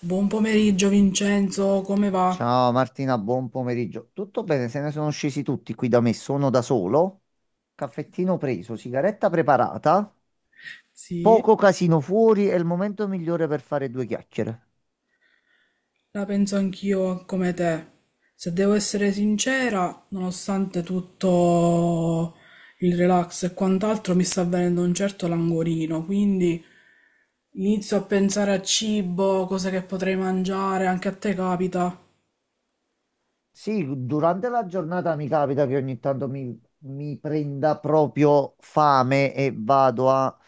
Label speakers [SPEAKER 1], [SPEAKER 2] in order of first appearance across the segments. [SPEAKER 1] Buon pomeriggio Vincenzo, come va?
[SPEAKER 2] Ciao Martina, buon pomeriggio. Tutto bene? Se ne sono scesi tutti qui da me. Sono da solo. Caffettino preso, sigaretta preparata,
[SPEAKER 1] Sì,
[SPEAKER 2] poco casino fuori. È il momento migliore per fare due chiacchiere.
[SPEAKER 1] la penso anch'io come te. Se devo essere sincera, nonostante tutto il relax e quant'altro, mi sta venendo un certo languorino, quindi inizio a pensare a cibo, cose che potrei mangiare, anche a te capita.
[SPEAKER 2] Sì, durante la giornata mi capita che ogni tanto mi prenda proprio fame e vado a,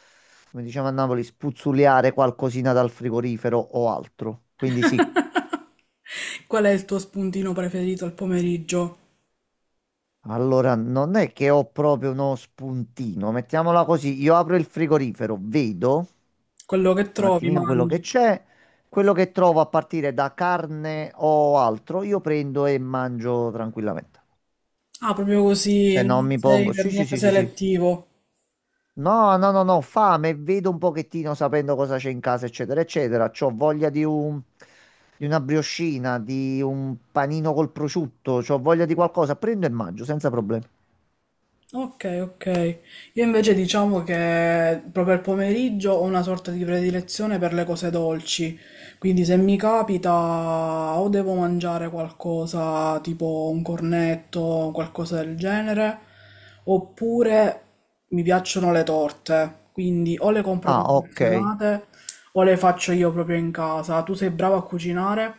[SPEAKER 2] come diciamo a Napoli, spuzzuliare qualcosina dal frigorifero o altro. Quindi sì.
[SPEAKER 1] Qual è il tuo spuntino preferito al pomeriggio?
[SPEAKER 2] Allora, non è che ho proprio uno spuntino, mettiamola così, io apro il frigorifero, vedo
[SPEAKER 1] Quello che
[SPEAKER 2] un
[SPEAKER 1] trovi,
[SPEAKER 2] attimino quello che
[SPEAKER 1] mangi.
[SPEAKER 2] c'è, quello che trovo a partire da carne o altro, io prendo e mangio tranquillamente.
[SPEAKER 1] Ah, proprio così,
[SPEAKER 2] Cioè non
[SPEAKER 1] non
[SPEAKER 2] mi
[SPEAKER 1] sei
[SPEAKER 2] pongo,
[SPEAKER 1] per
[SPEAKER 2] sì, sì,
[SPEAKER 1] niente
[SPEAKER 2] sì, sì, sì.
[SPEAKER 1] selettivo.
[SPEAKER 2] No, no, no, no, fame, vedo un pochettino sapendo cosa c'è in casa, eccetera, eccetera. C'ho voglia di un, di una briochina, di un panino col prosciutto, c'ho voglia di qualcosa, prendo e mangio senza problemi.
[SPEAKER 1] Ok, ok. Io invece diciamo che proprio al pomeriggio ho una sorta di predilezione per le cose dolci, quindi se mi capita o devo mangiare qualcosa tipo un cornetto, qualcosa del genere, oppure mi piacciono le torte, quindi o le compro
[SPEAKER 2] Ah, ok.
[SPEAKER 1] confezionate o le faccio io proprio in casa. Tu sei brava a cucinare?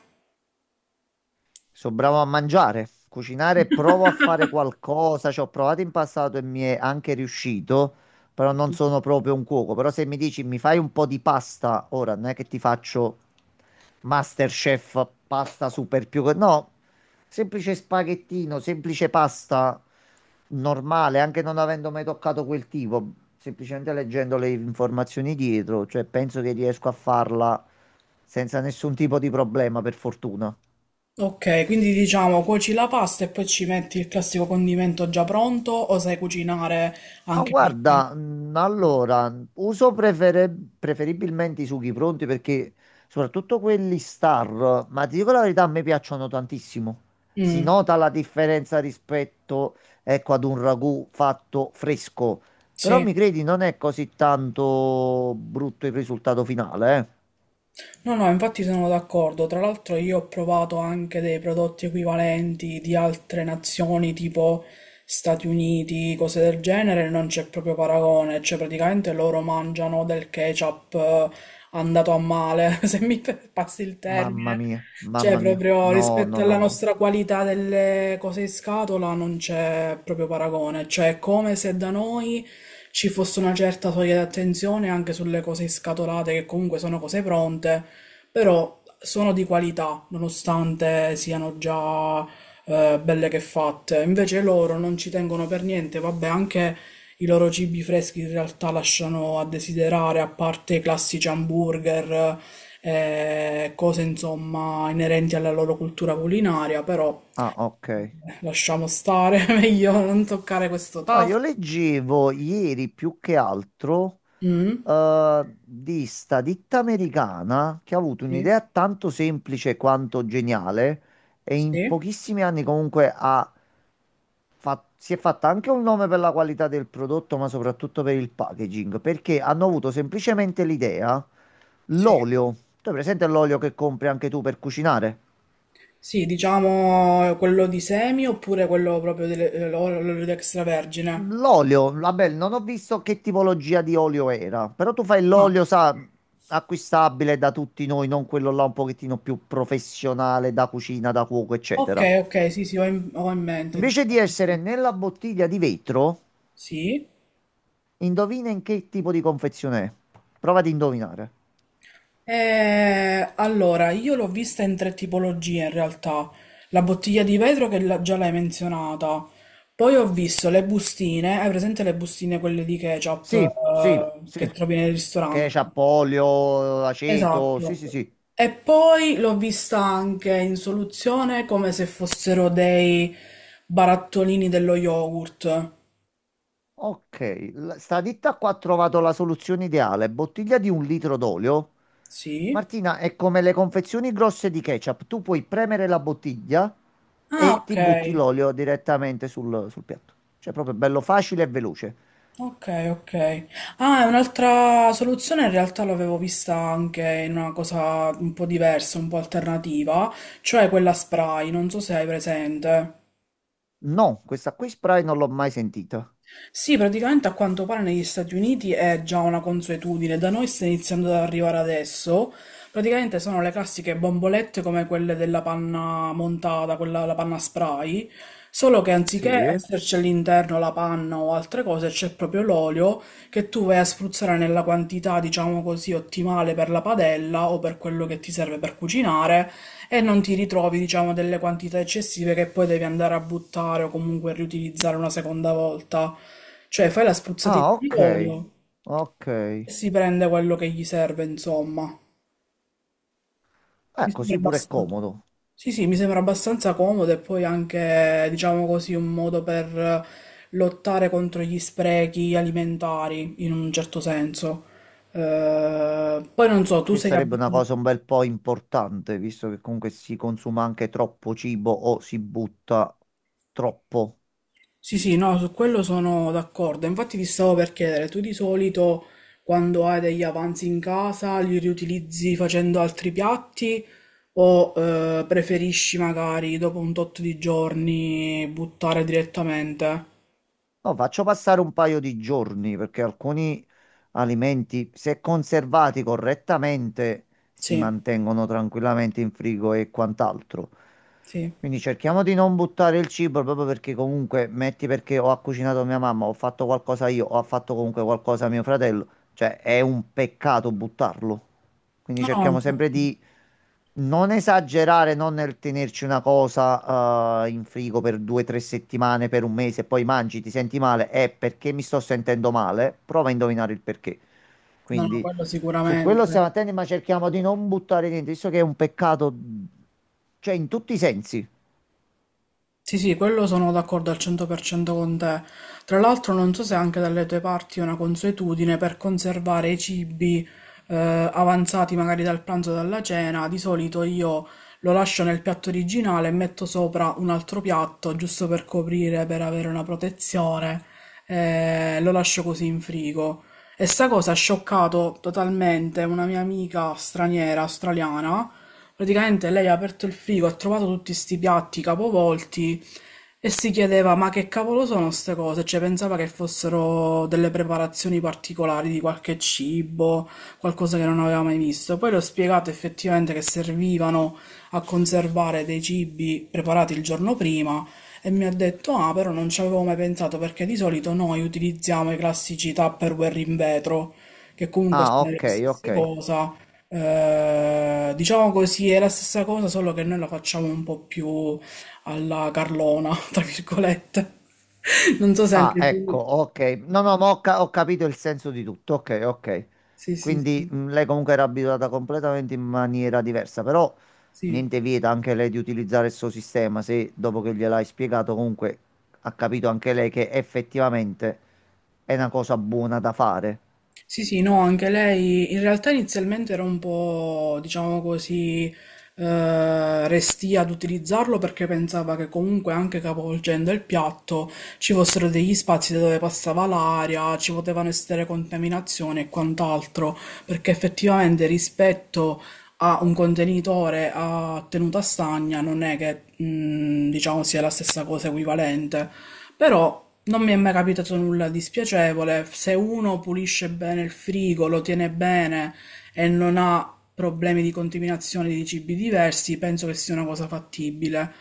[SPEAKER 2] Sono bravo a mangiare, cucinare, provo a fare qualcosa, ci ho provato in passato e mi è anche riuscito, però non sono proprio un cuoco. Però se mi dici mi fai un po' di pasta, ora non è che ti faccio MasterChef, pasta super più... che- No, semplice spaghettino, semplice pasta normale, anche non avendo mai toccato quel tipo, semplicemente leggendo le informazioni dietro, cioè penso che riesco a farla senza nessun tipo di problema, per fortuna.
[SPEAKER 1] Ok, quindi diciamo cuoci la pasta e poi ci metti il classico condimento già pronto o sai cucinare
[SPEAKER 2] Ma
[SPEAKER 1] anche qualche...
[SPEAKER 2] guarda, allora, uso preferibilmente i sughi pronti perché soprattutto quelli star, ma ti dico la verità, a me piacciono tantissimo. Si
[SPEAKER 1] Mm,
[SPEAKER 2] nota la differenza rispetto, ecco, ad un ragù fatto fresco, però
[SPEAKER 1] sì.
[SPEAKER 2] mi credi, non è così tanto brutto il risultato finale, eh?
[SPEAKER 1] No, no, infatti sono d'accordo. Tra l'altro io ho provato anche dei prodotti equivalenti di altre nazioni, tipo Stati Uniti, cose del genere, non c'è proprio paragone. Cioè, praticamente loro mangiano del ketchup andato a male, se mi passi il
[SPEAKER 2] Mamma
[SPEAKER 1] termine.
[SPEAKER 2] mia,
[SPEAKER 1] Cioè,
[SPEAKER 2] mamma mia.
[SPEAKER 1] proprio
[SPEAKER 2] No,
[SPEAKER 1] rispetto
[SPEAKER 2] no, no,
[SPEAKER 1] alla
[SPEAKER 2] no.
[SPEAKER 1] nostra qualità delle cose in scatola non c'è proprio paragone. Cioè, è come se da noi ci fosse una certa soglia di attenzione anche sulle cose scatolate, che comunque sono cose pronte, però sono di qualità, nonostante siano già belle che fatte. Invece loro non ci tengono per niente, vabbè, anche i loro cibi freschi in realtà lasciano a desiderare, a parte i classici hamburger, cose insomma inerenti alla loro cultura culinaria, però
[SPEAKER 2] Ah, ok.
[SPEAKER 1] lasciamo stare, meglio non toccare questo
[SPEAKER 2] Ah, io
[SPEAKER 1] tasto.
[SPEAKER 2] leggevo ieri più che altro.
[SPEAKER 1] Mm,
[SPEAKER 2] Eh, di sta ditta americana che ha avuto
[SPEAKER 1] sì,
[SPEAKER 2] un'idea tanto semplice quanto geniale e in
[SPEAKER 1] sì,
[SPEAKER 2] pochissimi anni comunque ha si è fatta anche un nome per la qualità del prodotto, ma soprattutto per il packaging, perché hanno avuto semplicemente l'idea,
[SPEAKER 1] sì.
[SPEAKER 2] l'olio, tu hai presente l'olio che compri anche tu per cucinare?
[SPEAKER 1] Sì, diciamo quello di semi oppure quello proprio dell'olio di extravergine.
[SPEAKER 2] L'olio, vabbè, non ho visto che tipologia di olio era, però tu fai
[SPEAKER 1] Ah,
[SPEAKER 2] l'olio, sa, acquistabile da tutti noi, non quello là un pochettino più professionale da cucina, da cuoco,
[SPEAKER 1] ok,
[SPEAKER 2] eccetera.
[SPEAKER 1] ok, sì, sì, ho in mente.
[SPEAKER 2] Invece di essere
[SPEAKER 1] Diciamo.
[SPEAKER 2] nella bottiglia di vetro,
[SPEAKER 1] Sì.
[SPEAKER 2] indovina in che tipo di confezione è. Prova ad indovinare.
[SPEAKER 1] Allora, io l'ho vista in tre tipologie in realtà. La bottiglia di vetro che già l'hai menzionata. Poi ho visto le bustine, hai presente le bustine quelle di ketchup
[SPEAKER 2] Sì, sì,
[SPEAKER 1] che
[SPEAKER 2] sì.
[SPEAKER 1] trovi nei ristoranti?
[SPEAKER 2] Ketchup, olio, aceto, sì,
[SPEAKER 1] Esatto.
[SPEAKER 2] sì, sì.
[SPEAKER 1] E poi l'ho vista anche in soluzione come se fossero dei barattolini dello yogurt.
[SPEAKER 2] Ok, sta ditta qua ha trovato la soluzione ideale. Bottiglia di un litro d'olio,
[SPEAKER 1] Sì.
[SPEAKER 2] Martina, è come le confezioni grosse di ketchup. Tu puoi premere la bottiglia
[SPEAKER 1] Ah,
[SPEAKER 2] e
[SPEAKER 1] ok.
[SPEAKER 2] ti butti l'olio direttamente sul, sul piatto. Cioè, proprio bello facile e veloce.
[SPEAKER 1] Ok, ok. Ah, è un'altra soluzione in realtà l'avevo vista anche in una cosa un po' diversa, un po' alternativa, cioè quella spray, non so se hai presente.
[SPEAKER 2] No, questa qui spray non l'ho mai sentita.
[SPEAKER 1] Sì, praticamente a quanto pare negli Stati Uniti è già una consuetudine, da noi sta iniziando ad arrivare adesso. Praticamente sono le classiche bombolette come quelle della panna montata, quella la panna spray, solo che anziché
[SPEAKER 2] Sì.
[SPEAKER 1] esserci all'interno la panna o altre cose, c'è proprio l'olio che tu vai a spruzzare nella quantità, diciamo così, ottimale per la padella o per quello che ti serve per cucinare e non ti ritrovi, diciamo, delle quantità eccessive che poi devi andare a buttare o comunque riutilizzare una seconda volta. Cioè, fai la
[SPEAKER 2] Ah,
[SPEAKER 1] spruzzatina di
[SPEAKER 2] ok.
[SPEAKER 1] olio
[SPEAKER 2] Ok.
[SPEAKER 1] e si prende quello che gli serve, insomma. Mi sembra
[SPEAKER 2] Così pure è
[SPEAKER 1] abbastanza...
[SPEAKER 2] comodo.
[SPEAKER 1] Sì, sì, mi sembra abbastanza comodo e poi anche, diciamo così, un modo per lottare contro gli sprechi alimentari, in un certo senso. Poi non so, tu
[SPEAKER 2] Che
[SPEAKER 1] sei
[SPEAKER 2] sarebbe una
[SPEAKER 1] abituato...
[SPEAKER 2] cosa un bel po' importante, visto che comunque si consuma anche troppo cibo o si butta troppo.
[SPEAKER 1] Sì, sì, no, su quello sono d'accordo. Infatti ti stavo per chiedere, tu di solito quando hai degli avanzi in casa li riutilizzi facendo altri piatti o preferisci magari dopo un tot di giorni buttare direttamente?
[SPEAKER 2] No, faccio passare un paio di giorni perché alcuni alimenti, se conservati correttamente, si
[SPEAKER 1] Sì,
[SPEAKER 2] mantengono tranquillamente in frigo e quant'altro.
[SPEAKER 1] sì.
[SPEAKER 2] Quindi cerchiamo di non buttare il cibo proprio perché comunque, metti perché ho cucinato mia mamma, ho fatto qualcosa io, ho fatto comunque qualcosa mio fratello, cioè è un peccato buttarlo. Quindi
[SPEAKER 1] No, no,
[SPEAKER 2] cerchiamo sempre
[SPEAKER 1] infatti,
[SPEAKER 2] di non esagerare, non nel tenerci una cosa in frigo per due o tre settimane, per un mese, e poi mangi, ti senti male, è perché mi sto sentendo male, prova a indovinare il perché.
[SPEAKER 1] no, no,
[SPEAKER 2] Quindi
[SPEAKER 1] quello
[SPEAKER 2] su quello
[SPEAKER 1] sicuramente.
[SPEAKER 2] stiamo attenti, ma cerchiamo di non buttare niente, visto che è un peccato, cioè in tutti i sensi.
[SPEAKER 1] Sì, sì, quello sono d'accordo al 100% con te. Tra l'altro non so se anche dalle tue parti è una consuetudine per conservare i cibi avanzati magari dal pranzo o dalla cena. Di solito io lo lascio nel piatto originale e metto sopra un altro piatto giusto per coprire, per avere una protezione. Eh, lo lascio così in frigo. E sta cosa ha scioccato totalmente una mia amica straniera, australiana. Praticamente lei ha aperto il frigo, ha trovato tutti sti piatti capovolti e si chiedeva: ma che cavolo sono queste cose? Cioè, pensava che fossero delle preparazioni particolari di qualche cibo, qualcosa che non aveva mai visto. Poi le ho spiegato effettivamente che servivano a conservare dei cibi preparati il giorno prima. E mi ha detto: ah, però non ci avevo mai pensato perché di solito noi utilizziamo i classici Tupperware in vetro, che comunque
[SPEAKER 2] Ah,
[SPEAKER 1] sono la
[SPEAKER 2] ok,
[SPEAKER 1] stessa
[SPEAKER 2] ok.
[SPEAKER 1] cosa, diciamo così, è la stessa cosa, solo che noi la facciamo un po' più alla Carlona, tra virgolette. Non so se
[SPEAKER 2] Ah,
[SPEAKER 1] anche
[SPEAKER 2] ecco,
[SPEAKER 1] tu.
[SPEAKER 2] ok. No, no, ho capito il senso di tutto. Ok, ok.
[SPEAKER 1] Sì, sì,
[SPEAKER 2] Quindi
[SPEAKER 1] sì.
[SPEAKER 2] lei comunque era abituata completamente in maniera diversa, però
[SPEAKER 1] Sì,
[SPEAKER 2] niente vieta anche lei di utilizzare il suo sistema, se dopo che gliel'hai spiegato comunque ha capito anche lei che effettivamente è una cosa buona da fare.
[SPEAKER 1] sì, sì, no, anche lei in realtà inizialmente era un po', diciamo così, restia ad utilizzarlo perché pensava che comunque anche capovolgendo il piatto ci fossero degli spazi da dove passava l'aria, ci potevano essere contaminazioni e quant'altro, perché effettivamente rispetto a un contenitore a tenuta stagna non è che diciamo sia la stessa cosa equivalente, però non mi è mai capitato nulla di spiacevole. Se uno pulisce bene il frigo, lo tiene bene e non ha problemi di contaminazione di cibi diversi, penso che sia una cosa fattibile.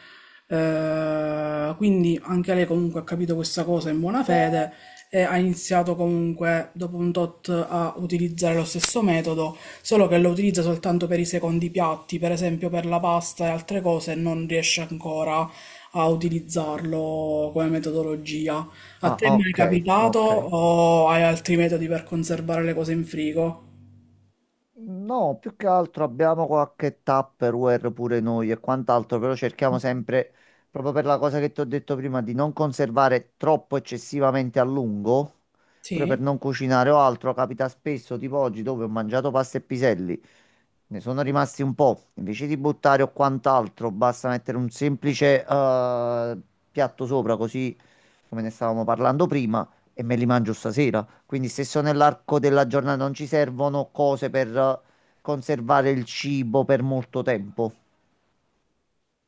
[SPEAKER 1] Quindi anche lei comunque ha capito questa cosa in buona fede e ha iniziato comunque dopo un tot a utilizzare lo stesso metodo, solo che lo utilizza soltanto per i secondi piatti, per esempio per la pasta e altre cose, non riesce ancora a utilizzarlo come metodologia. A
[SPEAKER 2] Ah,
[SPEAKER 1] te mi è
[SPEAKER 2] ok,
[SPEAKER 1] capitato
[SPEAKER 2] ok.
[SPEAKER 1] o hai altri metodi per conservare le cose in frigo?
[SPEAKER 2] No, più che altro abbiamo qualche Tupperware pure noi e quant'altro, però cerchiamo sempre, proprio per la cosa che ti ho detto prima, di non conservare troppo eccessivamente a lungo, pure per
[SPEAKER 1] Sì.
[SPEAKER 2] non cucinare o altro. Capita spesso, tipo oggi, dove ho mangiato pasta e piselli, ne sono rimasti un po'. Invece di buttare o quant'altro, basta mettere un semplice piatto sopra, così come ne stavamo parlando prima e me li mangio stasera. Quindi se sono nell'arco della giornata non ci servono cose per conservare il cibo per molto tempo.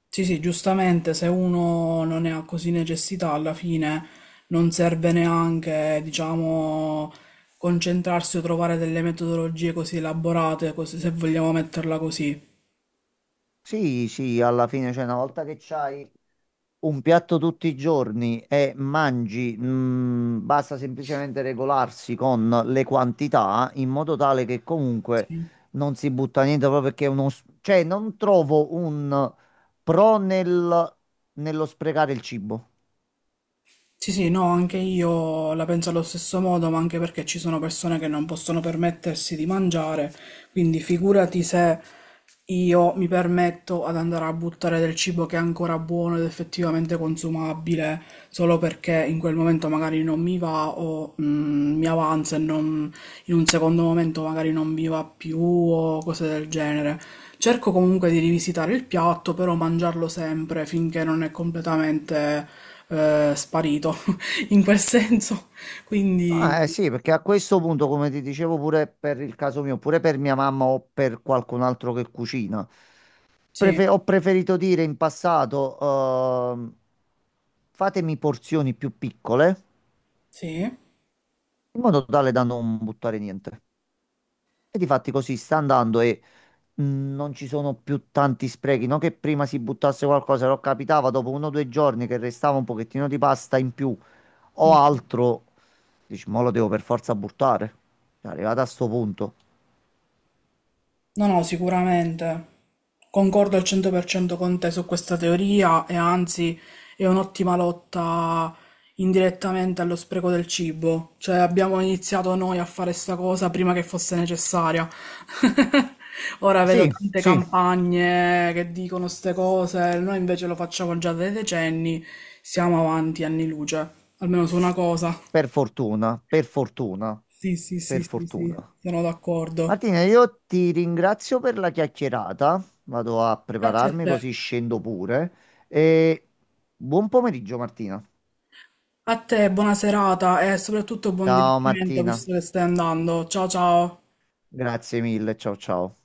[SPEAKER 1] Sì, sì, giustamente, se uno non ne ha così necessità, alla fine non serve neanche, diciamo, concentrarsi o trovare delle metodologie così elaborate, così, se vogliamo metterla così.
[SPEAKER 2] Sì, sì, alla fine, cioè, una volta che c'hai un piatto tutti i giorni e mangi, basta semplicemente regolarsi con le quantità in modo tale che comunque
[SPEAKER 1] Sì.
[SPEAKER 2] non si butta niente proprio perché è uno... s- Cioè, non trovo un pro nel, nello sprecare il cibo.
[SPEAKER 1] Sì, sì, no, anche io la penso allo stesso modo, ma anche perché ci sono persone che non possono permettersi di mangiare, quindi figurati se io mi permetto ad andare a buttare del cibo che è ancora buono ed effettivamente consumabile, solo perché in quel momento magari non mi va o mi avanza, in un secondo momento magari non mi va più o cose del genere. Cerco comunque di rivisitare il piatto, però mangiarlo sempre finché non è completamente sparito in quel senso. Quindi
[SPEAKER 2] Ah, eh sì, perché a questo punto, come ti dicevo pure per il caso mio, pure per mia mamma o per qualcun altro che cucina,
[SPEAKER 1] sì,
[SPEAKER 2] ho preferito dire in passato, ehm, fatemi porzioni più piccole,
[SPEAKER 1] sì.
[SPEAKER 2] in modo tale da non buttare niente. E difatti così sta andando e mh, non ci sono più tanti sprechi, non che prima si buttasse qualcosa, però capitava dopo uno o due giorni che restava un pochettino di pasta in più o altro, dici, ma lo devo per forza buttare. È arrivato a sto punto.
[SPEAKER 1] No, no, sicuramente. Concordo al 100% con te su questa teoria e anzi è un'ottima lotta indirettamente allo spreco del cibo. Cioè abbiamo iniziato noi a fare sta cosa prima che fosse necessaria. Ora vedo
[SPEAKER 2] Sì,
[SPEAKER 1] tante
[SPEAKER 2] sì,
[SPEAKER 1] campagne che dicono ste cose, noi invece lo facciamo già da decenni, siamo avanti anni luce, almeno su una cosa.
[SPEAKER 2] per fortuna, per fortuna,
[SPEAKER 1] Sì, sì, sì,
[SPEAKER 2] per
[SPEAKER 1] sì, sì,
[SPEAKER 2] fortuna.
[SPEAKER 1] sono
[SPEAKER 2] Martina,
[SPEAKER 1] d'accordo.
[SPEAKER 2] io ti ringrazio per la chiacchierata. Vado a
[SPEAKER 1] Grazie a
[SPEAKER 2] prepararmi
[SPEAKER 1] te.
[SPEAKER 2] così scendo pure. E buon pomeriggio, Martina.
[SPEAKER 1] A te, buona serata e soprattutto buon
[SPEAKER 2] Ciao
[SPEAKER 1] divertimento
[SPEAKER 2] Martina,
[SPEAKER 1] visto che stai andando. Ciao, ciao.
[SPEAKER 2] grazie mille, ciao ciao.